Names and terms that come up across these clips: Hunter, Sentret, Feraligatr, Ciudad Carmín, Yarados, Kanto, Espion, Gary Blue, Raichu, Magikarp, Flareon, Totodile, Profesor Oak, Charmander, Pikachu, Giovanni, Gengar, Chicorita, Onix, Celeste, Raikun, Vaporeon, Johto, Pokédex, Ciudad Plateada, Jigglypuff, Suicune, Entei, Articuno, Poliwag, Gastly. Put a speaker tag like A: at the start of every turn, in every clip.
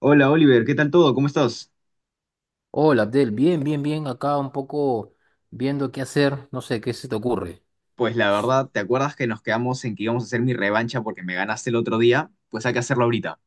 A: Hola Oliver, ¿qué tal todo? ¿Cómo estás?
B: Hola, Abdel, bien, bien, bien, acá un poco viendo qué hacer, no sé, qué se te ocurre.
A: Pues la verdad, ¿te acuerdas que nos quedamos en que íbamos a hacer mi revancha porque me ganaste el otro día? Pues hay que hacerlo ahorita.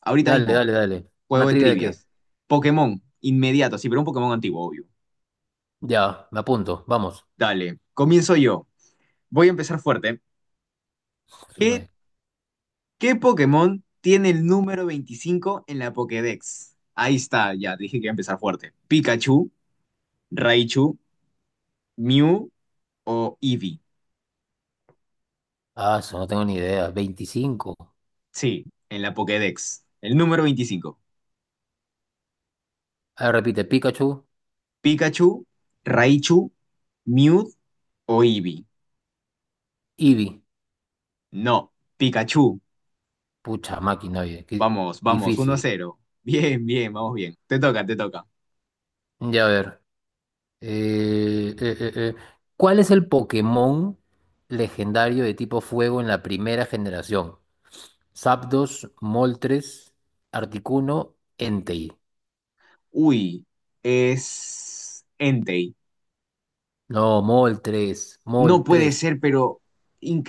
A: Ahorita
B: Dale,
A: mismo,
B: dale, dale. ¿Una
A: juego de
B: trivia de qué?
A: trivias. Pokémon, inmediato, sí, pero un Pokémon antiguo, obvio.
B: Ya, me apunto, vamos.
A: Dale, comienzo yo. Voy a empezar fuerte.
B: Suma-
A: ¿Qué, qué Pokémon tiene el número 25 en la Pokédex? Ahí está, ya, dije que iba a empezar fuerte. ¿Pikachu, Raichu, Mew o Eevee?
B: Ah, eso no tengo ni idea. 25.
A: Sí, en la Pokédex. El número 25.
B: A ver, repite. Pikachu,
A: Pikachu, Raichu, Mew o Eevee.
B: Eevee.
A: No, Pikachu.
B: Pucha máquina, oye, qué
A: Vamos, vamos, 1
B: difícil.
A: cero. Bien, bien, vamos bien. Te toca, te toca.
B: Ya, a ver. eh, eh, eh, eh, ¿Cuál es el Pokémon legendario de tipo fuego en la primera generación? Zapdos, Moltres, Articuno, Entei.
A: Uy, es Entei.
B: No, Mol 3, Mol
A: No puede
B: 3.
A: ser, pero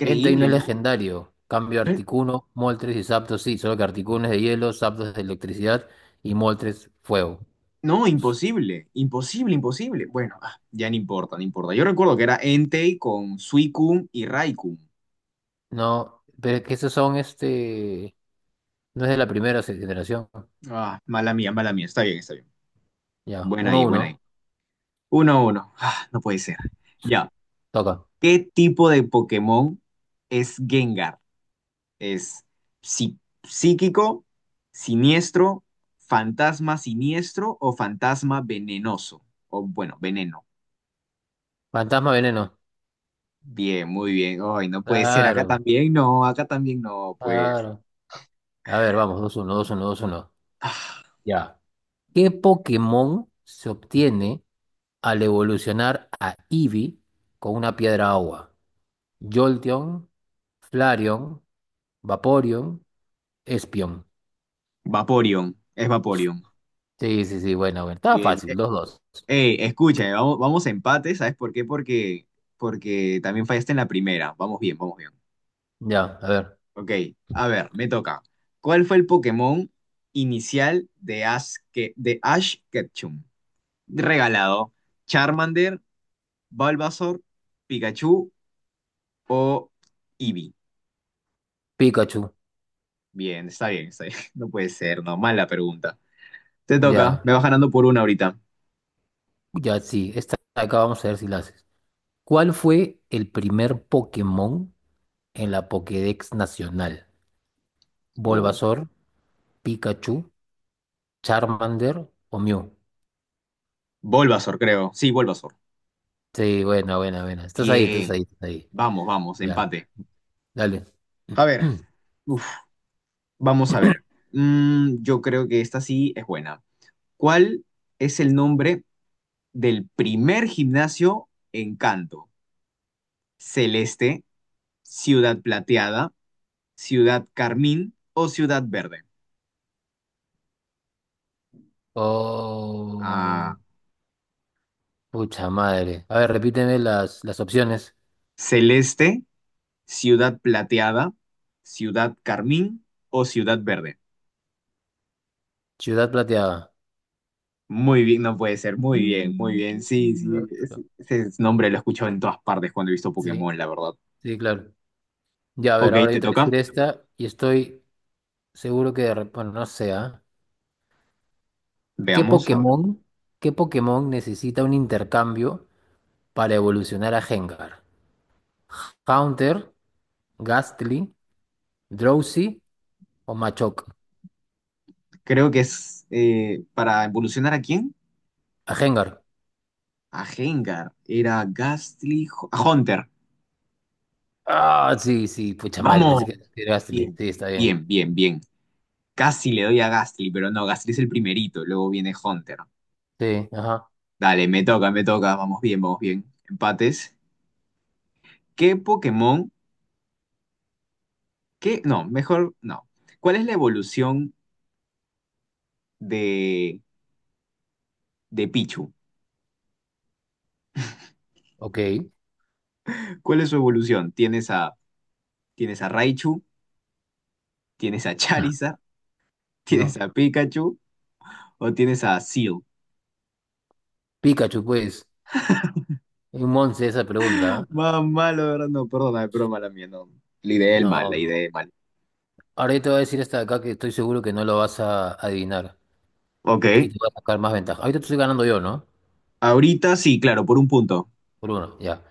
B: Entei no es
A: ¿no?
B: legendario. Cambio
A: No,
B: Articuno, Mol 3 y Zapdos sí, solo que Articuno es de hielo, Zapdos es de electricidad y Mol 3 fuego.
A: no, imposible, imposible, imposible. Bueno, ah, ya no importa, no importa. Yo recuerdo que era Entei con Suicune y Raikun.
B: No, pero es que esos son este. No es de la primera generación.
A: Ah, mala mía, mala mía. Está bien, está bien.
B: Ya,
A: Buena
B: Uno
A: ahí, buena ahí.
B: uno,
A: 1 uno. Ah, no puede ser. Ya.
B: Toca.
A: ¿Qué tipo de Pokémon es Gengar? ¿Es psí- psíquico, siniestro, fantasma siniestro o fantasma venenoso? O bueno, veneno.
B: Fantasma Veneno.
A: Bien, muy bien. Ay, no puede ser.
B: Claro,
A: Acá también no, pues.
B: claro. A ver, vamos, dos uno, dos uno, dos uno.
A: Ah,
B: Ya. ¿Qué Pokémon se obtiene al evolucionar a Eevee con una piedra agua? Jolteon, Flareon, Vaporeon, Espion.
A: Vaporeon, es Vaporeon.
B: Sí, sí, sí, bueno, bueno. Estaba
A: Bien,
B: fácil,
A: bien.
B: los dos.
A: Escucha, vamos, vamos a empate, ¿sabes por qué? Porque también fallaste en la primera. Vamos bien, vamos bien.
B: Ya, a ver.
A: Ok, a ver, me toca. ¿Cuál fue el Pokémon inicial de Ash Ketchum? Regalado. ¿Charmander, Bulbasaur, Pikachu o Eevee?
B: Pikachu.
A: Bien, está bien, está bien. No puede ser, no, mala pregunta. Te toca,
B: Ya,
A: me vas ganando por una ahorita.
B: ya sí. Esta de acá vamos a ver si la haces. ¿Cuál fue el primer Pokémon en la Pokédex nacional?
A: Oh,
B: ¿Bulbasaur, Pikachu, Charmander o Mew?
A: Bulbasaur, creo. Sí, Bulbasaur.
B: Sí, bueno, bueno, bueno. Estás ahí, estás
A: Bien,
B: ahí, estás ahí.
A: vamos, vamos,
B: Ya,
A: empate.
B: dale.
A: A ver, uf, vamos a ver. Yo creo que esta sí es buena. ¿Cuál es el nombre del primer gimnasio en Kanto? Celeste, Ciudad Plateada, Ciudad Carmín o Ciudad Verde. Ah,
B: Oh. Pucha madre. A ver, repíteme las opciones.
A: Celeste, Ciudad Plateada, Ciudad Carmín o Ciudad Verde.
B: Ciudad Plateada.
A: Muy bien, no puede ser. Muy bien, muy
B: Mm,
A: bien. Sí, sí. Ese,
B: listo.
A: ese nombre lo he escuchado en todas partes cuando he visto
B: Sí,
A: Pokémon, la verdad.
B: sí, claro. Ya, a ver,
A: Ok,
B: ahora yo
A: te
B: te voy a
A: toca.
B: decir esta y estoy seguro que de bueno, no sé, ¿ah? ¿Qué
A: Veamos, a ver.
B: Pokémon, qué Pokémon necesita un intercambio para evolucionar a Gengar? ¿Haunter, Gastly, Drowsy o Machoke?
A: Creo que es para evolucionar ¿a quién?
B: A Gengar.
A: A Gengar. Era Gastly, a Hunter.
B: Ah, sí, sí, pucha madre, pensé
A: Vamos.
B: que era Gastly.
A: Bien,
B: Sí, está bien.
A: bien, bien, bien. Casi le doy a Gastly, pero no, Gastly es el primerito, luego viene Hunter.
B: Sí, ajá.
A: Dale, me toca, vamos bien, vamos bien. Empates. ¿Qué Pokémon? ¿Qué? No, mejor no. ¿Cuál es la evolución de, de Pichu?
B: Ok.
A: ¿Cuál es su evolución? ¿Tienes a Raichu? ¿Tienes a Charizard?
B: No.
A: ¿Tienes a Pikachu? ¿O tienes a Seal?
B: Pikachu, pues. Es un once esa pregunta.
A: Más malo, de verdad, no, perdona, es broma la mía, no. La
B: ¿Eh?
A: ideé mal, la
B: No.
A: ideé mal.
B: Ahora yo te voy a decir esta de acá que estoy seguro que no lo vas a adivinar y
A: Ok,
B: te voy a sacar más ventaja. Ahorita te estoy ganando yo, ¿no?
A: ahorita sí, claro, por un punto.
B: Por uno, ya.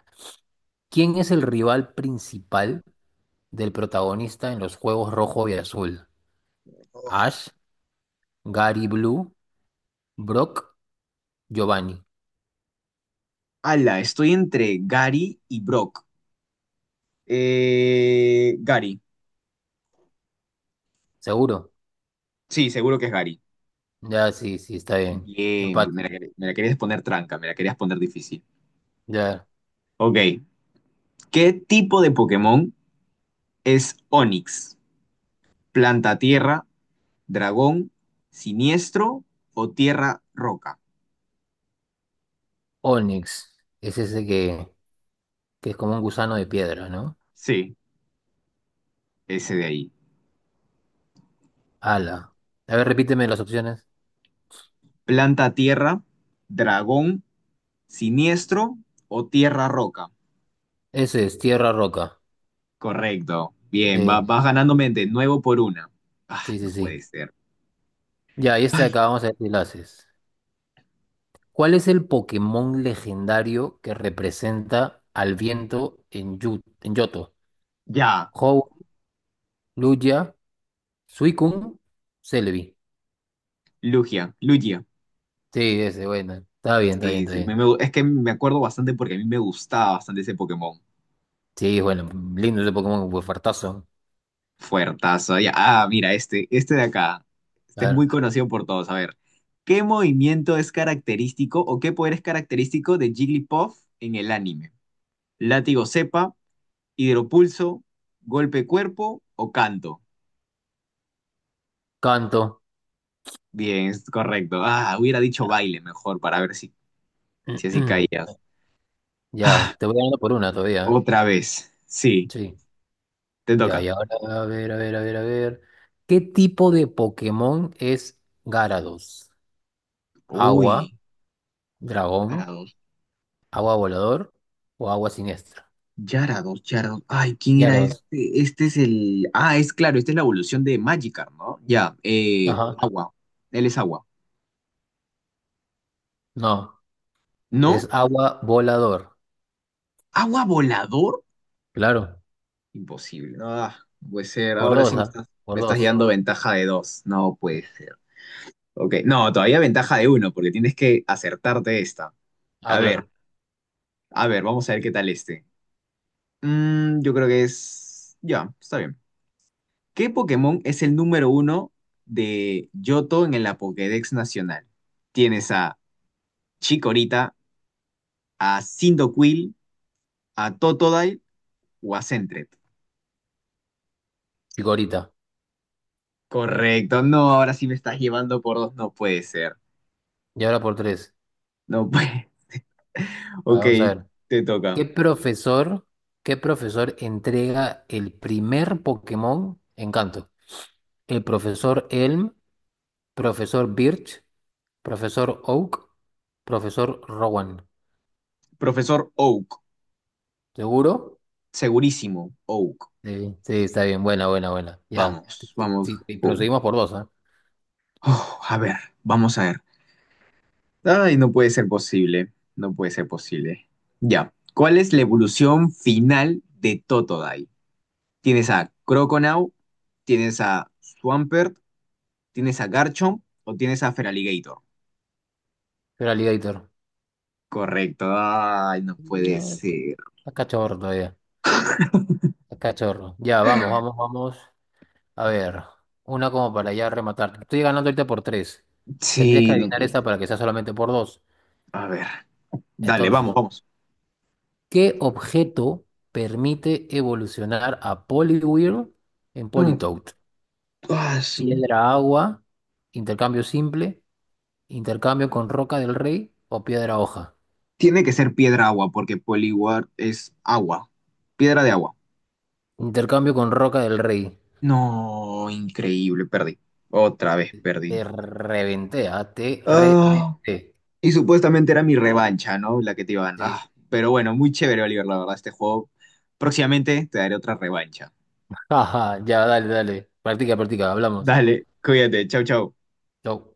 B: ¿Quién es el rival principal del protagonista en los juegos rojo y azul? Ash, Gary Blue, Brock, Giovanni.
A: Ala, estoy entre Gary y Brock. Gary.
B: ¿Seguro?
A: Sí, seguro que es Gary.
B: Ya, sí, sí, está bien.
A: Bien,
B: Empate.
A: me la querías poner tranca, me la querías poner difícil.
B: Ya.
A: Ok, ¿qué tipo de Pokémon es Onix? ¿Planta tierra, dragón, siniestro o tierra roca?
B: Onyx. Es ese que es como un gusano de piedra, ¿no?
A: Sí, ese de ahí.
B: Ala. A ver, repíteme las opciones.
A: ¿Planta tierra, dragón, siniestro o tierra roca?
B: Ese es tierra roca.
A: Correcto. Bien,
B: Sí.
A: vas ganándome de nuevo por una. Ah,
B: Sí,
A: no
B: sí,
A: puede
B: sí.
A: ser.
B: Ya, y esta de
A: Ay,
B: acá vamos a ver si la haces. ¿Cuál es el Pokémon legendario que representa al viento en, en Yoto?
A: ya,
B: Ho, Luya, Suicune, Celebi.
A: Lugia, Lugia.
B: Sí, ese, bueno. Está bien, está bien,
A: Sí,
B: está
A: sí,
B: bien.
A: es que me acuerdo bastante porque a mí me gustaba bastante ese Pokémon.
B: Sí, bueno, lindo ese Pokémon, pues fartazo.
A: Fuertazo. Ya, ah, mira, este de acá.
B: A
A: Este es muy
B: ver,
A: conocido por todos. A ver, ¿qué movimiento es característico o qué poder es característico de Jigglypuff en el anime? Látigo cepa, hidropulso, golpe cuerpo o canto.
B: canto.
A: Bien, es correcto. Ah, hubiera dicho
B: Ya,
A: baile mejor para ver si así caías. Ah,
B: ya, te voy dando por una todavía. ¿Eh?
A: otra vez. Sí,
B: Sí.
A: te
B: Ya, y
A: toca.
B: ahora, a ver. ¿Qué tipo de Pokémon es Gyarados? Agua.
A: Uy.
B: Dragón,
A: Yarados,
B: agua volador o agua siniestra.
A: Yarados, Yarados. Ay, ¿quién
B: Ya
A: era
B: los dos.
A: este? Este es el. Ah, es claro, esta es la evolución de Magikarp, ¿no? Ya,
B: Ajá.
A: agua. Él es agua.
B: No, es
A: ¿No?
B: agua volador.
A: ¿Agua volador?
B: Claro.
A: Imposible. No, ah, no puede ser.
B: Por
A: Ahora sí
B: dos,
A: me
B: ¿ah?
A: estás,
B: Por
A: me estás
B: dos.
A: llevando ventaja de dos. No
B: Sí.
A: puede ser. Ok, no, todavía ventaja de uno, porque tienes que acertarte esta.
B: Ah,
A: A ver,
B: claro.
A: a ver, vamos a ver qué tal este. Yo creo que es. Ya, está bien. ¿Qué Pokémon es el número uno de Johto en la Pokédex Nacional? Tienes a Chikorita, a Cyndaquil, a Totodile o a Sentret.
B: Chicorita.
A: Correcto, no, ahora sí me estás llevando por dos, no puede ser.
B: Y ahora por tres.
A: No puede.
B: A ver,
A: Ok,
B: vamos a ver.
A: te toca.
B: ¿Qué profesor, qué profesor entrega el primer Pokémon en Canto? ¿El profesor Elm, profesor Birch, profesor Oak, profesor Rowan?
A: Profesor Oak,
B: ¿Seguro?
A: segurísimo, Oak.
B: Sí, sí, está bien, buena, buena, buena. Ya,
A: Vamos,
B: sí,
A: vamos,
B: sí, sí, pero
A: Oak.
B: seguimos por dos, ¿eh?
A: Oh, a ver, vamos a ver. Ay, no puede ser posible, no puede ser posible. Ya. ¿Cuál es la evolución final de Totodile? Tienes a Croconaw, tienes a Swampert, tienes a Garchomp o tienes a Feraligatr.
B: Pero Alligator.
A: Correcto. Ay, no puede
B: No,
A: ser.
B: está cachorro todavía. Está cachorro. Ya, vamos, vamos, vamos. A ver, una como para ya rematar. Estoy ganando ahorita por tres. Tendrías que
A: Sí, no
B: adivinar
A: puede
B: esta
A: ser.
B: para que sea solamente por dos.
A: A ver. Dale,
B: Entonces,
A: vamos, vamos.
B: ¿qué objeto permite evolucionar a Poliwhirl en
A: No,
B: Politoed?
A: ah,
B: ¿Piedra agua, intercambio simple, intercambio con roca del rey o piedra hoja?
A: tiene que ser piedra agua porque Poliwag es agua. Piedra de agua.
B: Intercambio con roca del rey.
A: No, increíble, perdí. Otra vez perdí.
B: Te reventé, ah, te
A: Ah,
B: reventé.
A: y supuestamente era mi revancha, ¿no? La que te iban.
B: Sí.
A: Ah, pero bueno, muy chévere, Oliver, la verdad, este juego. Próximamente te daré otra revancha.
B: Jaja, ya, dale, dale. Practica, practica, hablamos.
A: Dale, cuídate, chau, chau.
B: Chau.